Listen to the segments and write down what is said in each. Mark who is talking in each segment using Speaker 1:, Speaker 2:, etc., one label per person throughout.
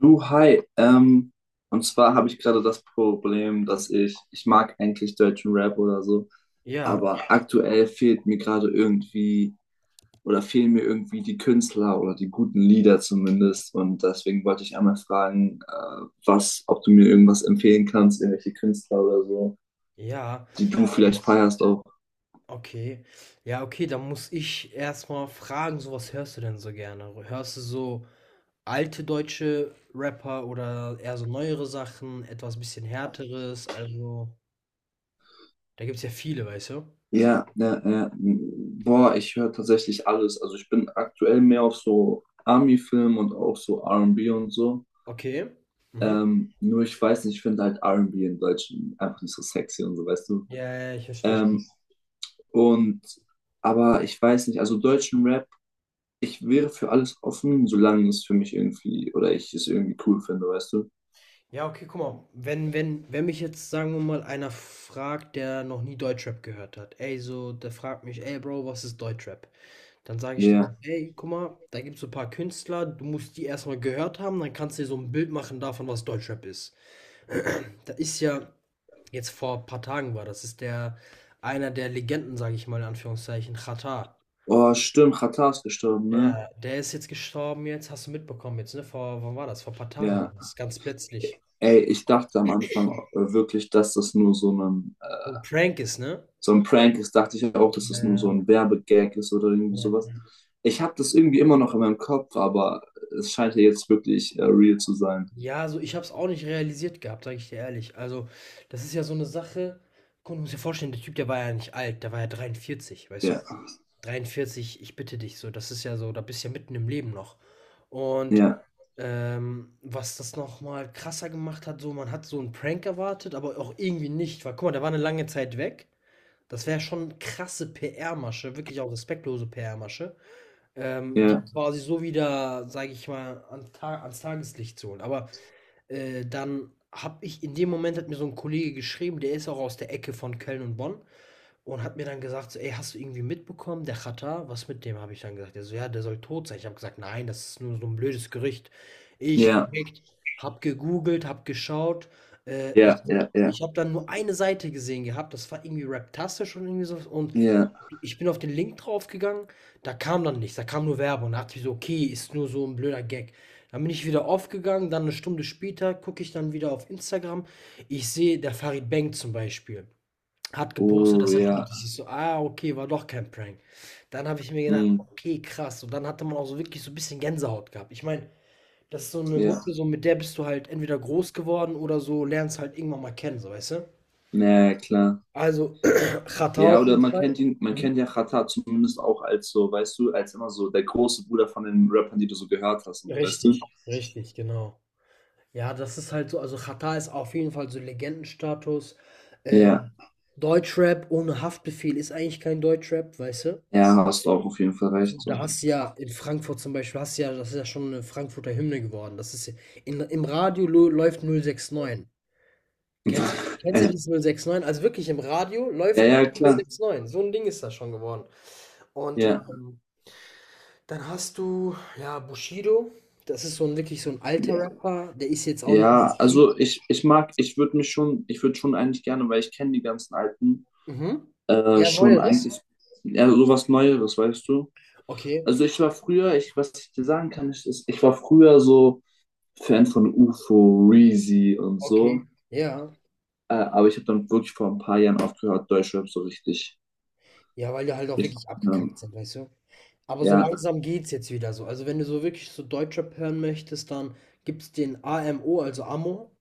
Speaker 1: Du, hi. Und zwar habe ich gerade das Problem, dass ich mag eigentlich deutschen Rap oder so,
Speaker 2: Ja,
Speaker 1: aber aktuell fehlt mir gerade irgendwie oder fehlen mir irgendwie die Künstler oder die guten Lieder zumindest. Und deswegen wollte ich einmal fragen, ob du mir irgendwas empfehlen kannst, irgendwelche Künstler oder so,
Speaker 2: ja,
Speaker 1: die du vielleicht feierst auch.
Speaker 2: okay. Ja, okay, dann muss ich erstmal fragen, so was hörst du denn so gerne? Hörst du so alte deutsche Rapper oder eher so neuere Sachen, etwas bisschen härteres? Also, da gibt's ja viele, weißt du?
Speaker 1: Ja, ja, ja. Boah, ich höre tatsächlich alles. Also ich bin aktuell mehr auf so Army-Film und auch so R&B und B und so.
Speaker 2: Okay. Mhm.
Speaker 1: Nur ich weiß nicht, ich finde halt R&B in Deutschland einfach nicht so sexy und so, weißt du.
Speaker 2: Ja, ja, ja, ich verstehe.
Speaker 1: Ähm, und, aber ich weiß nicht, also deutschen Rap, ich wäre für alles offen, solange es für mich irgendwie, oder ich es irgendwie cool finde, weißt du.
Speaker 2: Ja, okay, guck mal, wenn mich jetzt, sagen wir mal, einer fragt, der noch nie Deutschrap gehört hat, ey, so, der fragt mich, ey, Bro, was ist Deutschrap? Dann sage ich
Speaker 1: Ja.
Speaker 2: dir so,
Speaker 1: Yeah.
Speaker 2: ey, guck mal, da gibt es so ein paar Künstler, du musst die erstmal gehört haben, dann kannst du dir so ein Bild machen davon, was Deutschrap ist. Da ist ja, jetzt vor ein paar Tagen war, das ist der, einer der Legenden, sage ich mal, in Anführungszeichen, Xatar.
Speaker 1: Oh, stimmt, Xatar ist gestorben, ne?
Speaker 2: Ja, der ist jetzt gestorben, jetzt hast du mitbekommen, jetzt, ne, vor, wann war das? Vor ein paar Tagen, war
Speaker 1: Ja.
Speaker 2: das, ist ganz plötzlich.
Speaker 1: Ey, ich dachte am Anfang wirklich, dass das nur so ein,
Speaker 2: So ein Prank ist, ne?
Speaker 1: so ein Prank ist. Dachte ich auch, dass das nur so
Speaker 2: Ja,
Speaker 1: ein Werbegag ist oder irgendwie sowas.
Speaker 2: ja.
Speaker 1: Ich habe das irgendwie immer noch in meinem Kopf, aber es scheint ja jetzt wirklich real zu sein.
Speaker 2: Ja, also ich habe es auch nicht realisiert gehabt, sage ich dir ehrlich. Also, das ist ja so eine Sache. Guck, du musst dir vorstellen, der Typ, der war ja nicht alt, der war ja 43, weißt du?
Speaker 1: Ja.
Speaker 2: 43, ich bitte dich, so, das ist ja so, da bist du ja mitten im Leben noch. Und
Speaker 1: Ja,
Speaker 2: was das nochmal krasser gemacht hat, so, man hat so einen Prank erwartet, aber auch irgendwie nicht, weil guck mal, der war eine lange Zeit weg. Das wäre schon krasse PR-Masche, wirklich auch respektlose PR-Masche, die
Speaker 1: ja,
Speaker 2: quasi so wieder, sage ich mal, an, ans Tageslicht zu holen. Aber dann habe ich, in dem Moment hat mir so ein Kollege geschrieben, der ist auch aus der Ecke von Köln und Bonn und hat mir dann gesagt so: „Ey, hast du irgendwie mitbekommen, der Xatar, was mit dem?" Habe ich dann gesagt. Der so: „Ja, der soll tot sein." Ich habe gesagt: „Nein, das ist nur so ein blödes Gerücht." Ich
Speaker 1: ja,
Speaker 2: direkt habe gegoogelt, habe geschaut. Äh, ich
Speaker 1: ja, ja, ja,
Speaker 2: ich habe dann nur eine Seite gesehen gehabt, das war irgendwie Raptastisch und irgendwie so, und
Speaker 1: ja.
Speaker 2: ich bin auf den Link draufgegangen, da kam dann nichts, da kam nur Werbung. Da dachte ich so: „Okay, ist nur so ein blöder Gag." Dann bin ich wieder aufgegangen, dann eine Stunde später gucke ich dann wieder auf Instagram. Ich sehe, der Farid Bang zum Beispiel hat gepostet,
Speaker 1: Oh,
Speaker 2: dass er, ah,
Speaker 1: ja.
Speaker 2: tot ist. Ich so: „Ah, okay, war doch kein Prank." Dann habe ich mir gedacht:
Speaker 1: Hm,
Speaker 2: „Okay, krass." Und dann hatte man auch so wirklich so ein bisschen Gänsehaut gehabt. Ich meine, das ist so eine
Speaker 1: ja.
Speaker 2: Mucke, so mit der bist du halt entweder groß geworden oder so, lernst halt irgendwann mal kennen, so, weißt du?
Speaker 1: Na ja, klar.
Speaker 2: Also, Chata
Speaker 1: Ja,
Speaker 2: auf
Speaker 1: oder
Speaker 2: jeden
Speaker 1: man
Speaker 2: Fall.
Speaker 1: kennt ihn, man kennt
Speaker 2: Mhm.
Speaker 1: ja Xatar zumindest auch als so, weißt du, als immer so der große Bruder von den Rappern, die du so gehört hast und so, weißt
Speaker 2: Richtig,
Speaker 1: du?
Speaker 2: richtig, genau. Ja, das ist halt so, also Xatar ist auf jeden Fall so Legendenstatus.
Speaker 1: Ja,
Speaker 2: Ähm, Deutschrap ohne Haftbefehl ist eigentlich kein Deutschrap, weißt du?
Speaker 1: ja, hast du auch auf jeden Fall
Speaker 2: So,
Speaker 1: recht.
Speaker 2: da
Speaker 1: So.
Speaker 2: hast du ja in Frankfurt zum Beispiel, hast du ja, das ist ja schon eine Frankfurter Hymne geworden. Im Radio läuft 069. Kennst, kennst du dieses 069? Also wirklich im Radio
Speaker 1: Ja,
Speaker 2: läuft
Speaker 1: ja,
Speaker 2: manchmal
Speaker 1: klar.
Speaker 2: 069. So ein Ding ist das schon geworden. Und
Speaker 1: Ja,
Speaker 2: dann hast du, ja, Bushido. Das ist so ein wirklich so ein alter
Speaker 1: ja.
Speaker 2: Rapper. Der ist jetzt auch nicht mehr
Speaker 1: Ja,
Speaker 2: aktiv.
Speaker 1: also ich mag, ich würde schon eigentlich gerne, weil ich kenne die ganzen alten,
Speaker 2: Mhm. Ja,
Speaker 1: schon
Speaker 2: neueres?
Speaker 1: eigentlich, ja, sowas Neueres, weißt du?
Speaker 2: Okay,
Speaker 1: Also ich war früher, ich, was ich dir sagen kann, ich war früher so Fan von UFO, Reezy und
Speaker 2: okay,
Speaker 1: so.
Speaker 2: ja.
Speaker 1: Aber ich habe dann wirklich vor ein paar Jahren aufgehört, Deutschrap so richtig,
Speaker 2: Ja, weil die halt auch
Speaker 1: richtig,
Speaker 2: wirklich
Speaker 1: ähm,
Speaker 2: abgekackt sind, weißt du? Aber so
Speaker 1: ja,
Speaker 2: langsam geht's jetzt wieder so. Also, wenn du so wirklich so Deutschrap hören möchtest, dann gibt's den AMO, also Amo.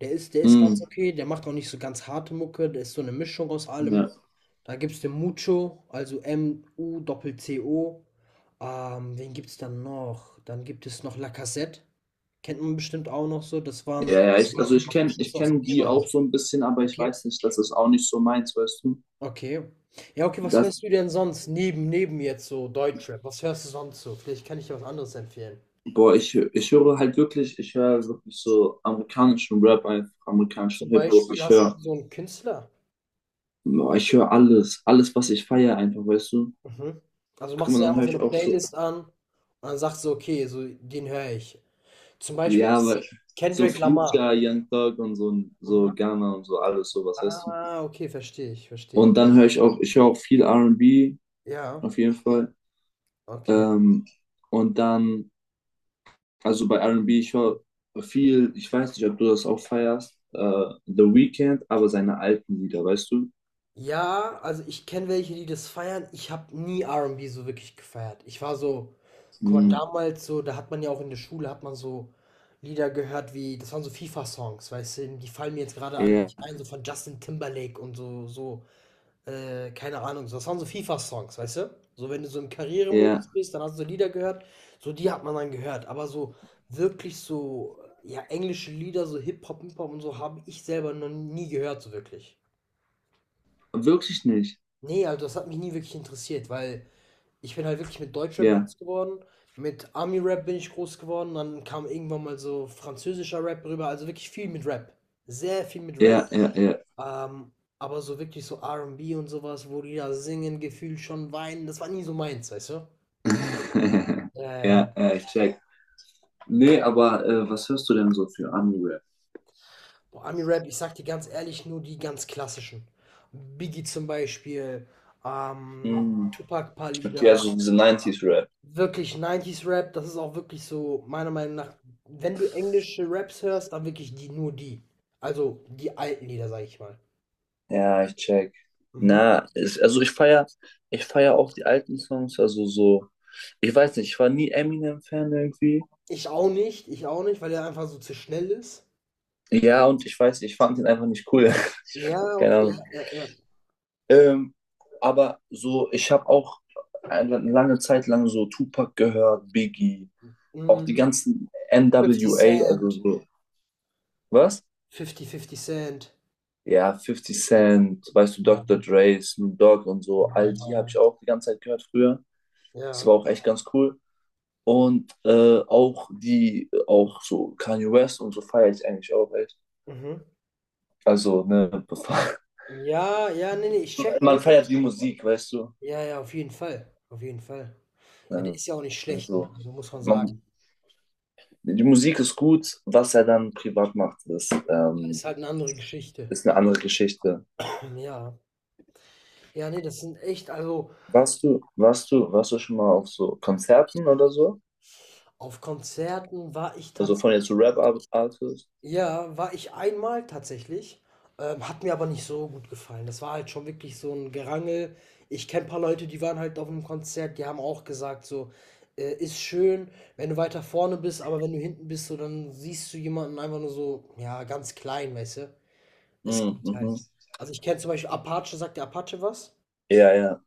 Speaker 2: Der ist ganz
Speaker 1: mm,
Speaker 2: okay, der macht auch nicht so ganz harte Mucke, der ist so eine Mischung aus allem.
Speaker 1: ja,
Speaker 2: Da gibt's den Mucho, also M-U-Doppel-C-O. Wen gibt's dann noch? Dann gibt es noch Lacazette. Kennt man bestimmt auch noch so. Das waren
Speaker 1: ja, ja, also
Speaker 2: 17
Speaker 1: ich kenne ich
Speaker 2: Schüsse aus dem
Speaker 1: kenn die auch
Speaker 2: Lehrer.
Speaker 1: so ein bisschen, aber ich
Speaker 2: Okay.
Speaker 1: weiß nicht, das ist auch nicht so meins, weißt du?
Speaker 2: Okay. Ja, okay, was
Speaker 1: Das,
Speaker 2: hörst du denn sonst neben jetzt so Deutschrap? Was hörst du sonst so? Vielleicht kann ich dir was anderes empfehlen.
Speaker 1: Boah, ich höre halt wirklich, ich höre wirklich so amerikanischen Rap, einfach amerikanischen
Speaker 2: Zum
Speaker 1: Hip-Hop,
Speaker 2: Beispiel
Speaker 1: ich
Speaker 2: hast du
Speaker 1: höre,
Speaker 2: so einen Künstler.
Speaker 1: boah, ich höre alles, was ich feiere einfach, weißt du?
Speaker 2: Mhm. Also
Speaker 1: Guck
Speaker 2: machst
Speaker 1: mal,
Speaker 2: du dir
Speaker 1: dann
Speaker 2: einfach
Speaker 1: höre
Speaker 2: so eine
Speaker 1: ich auch so,
Speaker 2: Playlist an und dann sagst du, okay, so den höre ich. Zum Beispiel
Speaker 1: ja,
Speaker 2: ist
Speaker 1: aber so
Speaker 2: Kendrick Lamar.
Speaker 1: Future, Young Thug und so, so
Speaker 2: Mhm.
Speaker 1: Ghana und so alles sowas, weißt du?
Speaker 2: Ah, okay, verstehe ich, verstehe ich.
Speaker 1: Und
Speaker 2: Ja,
Speaker 1: dann höre ich auch, ich höre auch viel R und B
Speaker 2: ja,
Speaker 1: auf jeden Fall.
Speaker 2: okay.
Speaker 1: Ähm, und dann, also bei R und B ich höre viel, ich weiß nicht, ob du das auch feierst, The Weeknd, aber seine alten Lieder, weißt du?
Speaker 2: Ja, also ich kenne welche, die das feiern. Ich habe nie R&B so wirklich gefeiert. Ich war so, guck mal,
Speaker 1: Hm,
Speaker 2: damals so, da hat man ja auch in der Schule, hat man so Lieder gehört wie, das waren so FIFA-Songs, weißt du, die fallen mir jetzt gerade alle
Speaker 1: ja,
Speaker 2: nicht ein, so von Justin Timberlake und so, so. Keine Ahnung, das waren so FIFA-Songs, weißt du? So, wenn du so im
Speaker 1: ja,
Speaker 2: Karrieremodus bist, dann hast du so Lieder gehört, so die hat man dann gehört. Aber so wirklich so, ja, englische Lieder, so Hip-Hop und so, habe ich selber noch nie gehört, so wirklich.
Speaker 1: wirklich nicht.
Speaker 2: Nee, also das hat mich nie wirklich interessiert, weil ich bin halt wirklich mit Deutschrap
Speaker 1: Ja,
Speaker 2: groß geworden, mit Army-Rap bin ich groß geworden, dann kam irgendwann mal so französischer Rap rüber, also wirklich viel mit Rap. Sehr viel mit Rap.
Speaker 1: ja, ja, ja.
Speaker 2: Ähm, aber so wirklich so R&B und B und sowas, wo die da singen, Gefühl schon weinen, das war nie so meins, weißt du? Ja, ja, ja.
Speaker 1: Ja, ich check. Nee, aber was hörst du denn so für Ami-Rap?
Speaker 2: Boah, Ami-Rap, ich sag dir ganz ehrlich, nur die ganz klassischen. Biggie zum Beispiel, ähm,
Speaker 1: Hm.
Speaker 2: Tupac, paar
Speaker 1: Okay,
Speaker 2: Lieder.
Speaker 1: also diese 90 rap.
Speaker 2: Wirklich 90er rap, das ist auch wirklich so, meiner Meinung nach, wenn du englische Raps hörst, dann wirklich die, nur die. Also die alten Lieder, sag ich mal.
Speaker 1: Ja, ich check.
Speaker 2: Mhm.
Speaker 1: Na, ist, also ich feier auch die alten Songs, also so, ich weiß nicht, ich war nie Eminem-Fan irgendwie.
Speaker 2: Ich auch nicht, weil er einfach so zu schnell ist.
Speaker 1: Ja, und ich weiß, ich fand ihn einfach nicht cool.
Speaker 2: Ja,
Speaker 1: Keine
Speaker 2: okay,
Speaker 1: Ahnung.
Speaker 2: ja, ja, ja.
Speaker 1: Ähm, aber so, ich habe auch eine lange Zeit lang so Tupac gehört, Biggie, auch die
Speaker 2: Mhm.
Speaker 1: ganzen
Speaker 2: Fifty
Speaker 1: NWA, also
Speaker 2: Cent.
Speaker 1: so, was?
Speaker 2: Fifty Cent.
Speaker 1: Ja, Fifty Cent, weißt du, Dr.
Speaker 2: Ja,
Speaker 1: Dre, Snoop Dogg und so, all die habe
Speaker 2: aber.
Speaker 1: ich auch die ganze Zeit gehört früher. Es
Speaker 2: Ja.
Speaker 1: war auch echt ganz cool. Und auch auch so Kanye West und so feiere ich eigentlich auch echt.
Speaker 2: Mhm.
Speaker 1: Also, ne,
Speaker 2: Ja, ja, nee, nee, ich check
Speaker 1: man
Speaker 2: schon.
Speaker 1: feiert die Musik, weißt du?
Speaker 2: Ja, ja, auf jeden Fall. Auf jeden Fall. Ja, der
Speaker 1: Ja,
Speaker 2: ist ja auch nicht schlecht, ne?
Speaker 1: also
Speaker 2: Also muss man sagen.
Speaker 1: man, die Musik ist gut, was er dann privat macht,
Speaker 2: Ja, ist halt eine andere Geschichte.
Speaker 1: ist eine andere Geschichte.
Speaker 2: Ja. Ja, nee, das sind echt, also
Speaker 1: Warst du schon mal auf so Konzerten oder so?
Speaker 2: auf Konzerten war ich,
Speaker 1: Also von jetzt so Rap-Artists?
Speaker 2: ja, war ich einmal tatsächlich, hat mir aber nicht so gut gefallen. Das war halt schon wirklich so ein Gerangel. Ich kenne ein paar Leute, die waren halt auf 'nem Konzert, die haben auch gesagt so: ist schön, wenn du weiter vorne bist, aber wenn du hinten bist, so, dann siehst du jemanden einfach nur so, ja, ganz klein", weißt du? Es
Speaker 1: Mhm,
Speaker 2: geht
Speaker 1: mhm.
Speaker 2: halt. Also, ich kenne zum Beispiel Apache, sagt der Apache was?
Speaker 1: Ja, ja,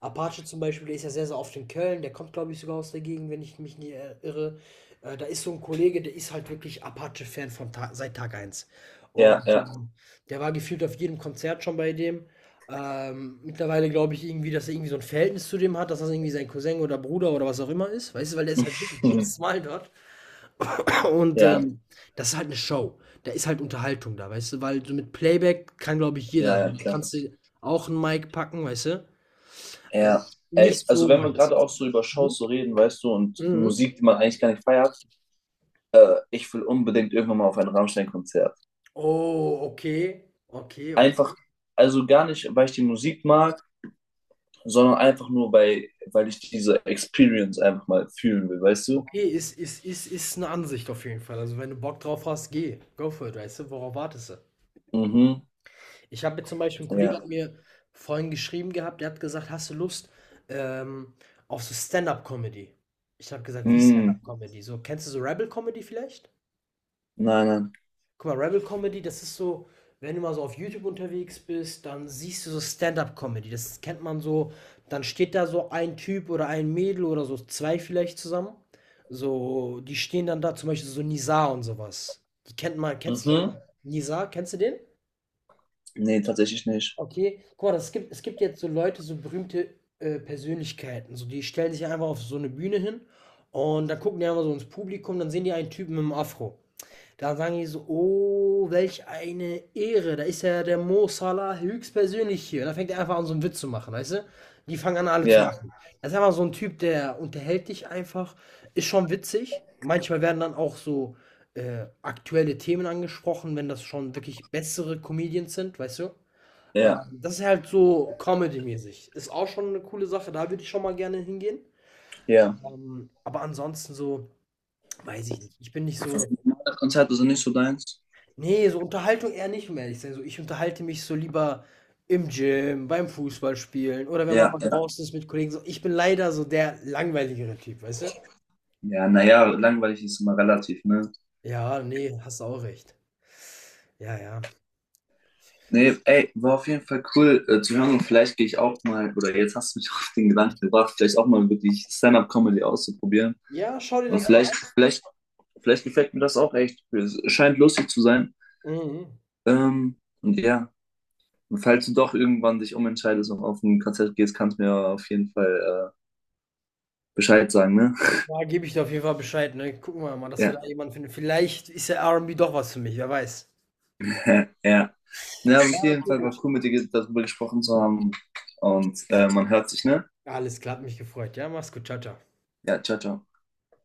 Speaker 2: Apache zum Beispiel, der ist ja sehr, sehr oft in Köln, der kommt, glaube ich, sogar aus der Gegend, wenn ich mich nicht irre. Da ist so ein Kollege, der ist halt wirklich Apache-Fan von Ta seit Tag eins.
Speaker 1: ja,
Speaker 2: Und
Speaker 1: ja.
Speaker 2: der war gefühlt auf jedem Konzert schon bei dem. Mittlerweile glaube ich irgendwie, dass er irgendwie so ein Verhältnis zu dem hat, dass das irgendwie sein Cousin oder Bruder oder was auch immer ist. Weißt du, weil der ist halt wirklich jedes Mal dort. Und
Speaker 1: Ja,
Speaker 2: das ist halt eine Show. Da ist halt Unterhaltung da, weißt du, weil so mit Playback kann, glaube ich,
Speaker 1: ja,
Speaker 2: jeder.
Speaker 1: ja,
Speaker 2: Du
Speaker 1: klar.
Speaker 2: kannst dir auch einen Mic packen, weißt du. Äh,
Speaker 1: Ja, ey,
Speaker 2: Nicht
Speaker 1: also
Speaker 2: so
Speaker 1: wenn wir
Speaker 2: meins.
Speaker 1: gerade auch so über
Speaker 2: Mhm,
Speaker 1: Shows so reden, weißt du, und
Speaker 2: mhm.
Speaker 1: Musik, die man eigentlich gar nicht feiert, ich will unbedingt irgendwann mal auf ein Rammstein-Konzert.
Speaker 2: Oh, okay. Okay, okay.
Speaker 1: Einfach, also gar nicht, weil ich die Musik mag, sondern einfach nur, weil ich diese Experience einfach mal fühlen will, weißt du?
Speaker 2: Okay, ist eine Ansicht auf jeden Fall. Also, wenn du Bock drauf hast, geh. Go for it, weißt du? Worauf wartest du?
Speaker 1: Mhm,
Speaker 2: Ich habe jetzt, zum Beispiel, ein Kollege
Speaker 1: ja.
Speaker 2: hat mir vorhin geschrieben gehabt, der hat gesagt: „Hast du Lust, ähm, auf so Stand-up Comedy?" Ich habe gesagt: „Wie
Speaker 1: Mm,
Speaker 2: Stand-up Comedy?" So, kennst du so Rebel Comedy vielleicht?
Speaker 1: nein, nein.
Speaker 2: Guck mal, Rebel Comedy, das ist so, wenn du mal so auf YouTube unterwegs bist, dann siehst du so Stand-up-Comedy. Das kennt man so. Dann steht da so ein Typ oder ein Mädel oder so zwei vielleicht zusammen. So, die stehen dann da, zum Beispiel so Nizar und sowas. Die kennt man, kennst du so
Speaker 1: Mhm.
Speaker 2: Nizar? Kennst du den?
Speaker 1: Nee, tatsächlich nicht.
Speaker 2: Okay, guck mal, das gibt, es gibt jetzt so Leute, so berühmte Persönlichkeiten. So, die stellen sich einfach auf so eine Bühne hin und dann gucken die einfach so ins Publikum, dann sehen die einen Typen mit einem Afro. Da sagen die so: „Oh, welch eine Ehre, da ist ja der Mo Salah höchstpersönlich hier." Und dann fängt er einfach an, so einen Witz zu machen, weißt du? Die fangen an, alle zu
Speaker 1: Ja,
Speaker 2: lachen. Das ist einfach so ein Typ, der unterhält dich einfach, ist schon witzig. Manchmal werden dann auch so, aktuelle Themen angesprochen, wenn das schon wirklich bessere Comedians sind, weißt du?
Speaker 1: ja,
Speaker 2: Das ist halt so Comedy-mäßig. Ist auch schon eine coole Sache, da würde ich schon mal gerne hingehen.
Speaker 1: ja.
Speaker 2: Aber ansonsten so, weiß ich nicht. Ich bin nicht
Speaker 1: Also,
Speaker 2: so.
Speaker 1: normale Konzerte sind nicht so deins.
Speaker 2: Nee, so Unterhaltung eher nicht, um ehrlich zu sein. So, ich unterhalte mich so lieber im Gym, beim Fußballspielen oder wenn man
Speaker 1: Ja,
Speaker 2: mal
Speaker 1: ja.
Speaker 2: draußen ist mit Kollegen. So, ich bin leider so der langweiligere Typ, weißt du?
Speaker 1: Ja, naja, langweilig ist immer relativ, ne?
Speaker 2: Ja, nee, hast auch recht. Ja, ja.
Speaker 1: Nee, ey, war auf jeden Fall cool zu hören und vielleicht gehe ich auch mal, oder jetzt hast du mich auf den Gedanken gebracht, vielleicht auch mal wirklich Stand-up-Comedy auszuprobieren.
Speaker 2: Ja, schau dir
Speaker 1: Und
Speaker 2: das mal
Speaker 1: vielleicht,
Speaker 2: an.
Speaker 1: vielleicht, vielleicht gefällt mir das auch echt. Es scheint lustig zu sein.
Speaker 2: Mhm, mhm.
Speaker 1: Ähm, und ja, und
Speaker 2: Ja,
Speaker 1: falls du doch irgendwann dich umentscheidest und auf ein Konzert gehst, kannst du mir auf jeden Fall Bescheid sagen, ne?
Speaker 2: da gebe ich dir auf jeden Fall Bescheid, ne? Gucken wir mal, dass wir da
Speaker 1: Ja,
Speaker 2: jemanden finden. Vielleicht ist ja R und B doch was für mich, wer weiß.
Speaker 1: ja. Ja, aber auf
Speaker 2: Ja,
Speaker 1: jeden
Speaker 2: okay,
Speaker 1: Fall war
Speaker 2: gut.
Speaker 1: cool, mit dir darüber gesprochen zu haben. Und man hört sich, ne?
Speaker 2: Alles klar, hat mich gefreut. Ja, mach's gut. Ciao, ciao.
Speaker 1: Ja, ciao, ciao.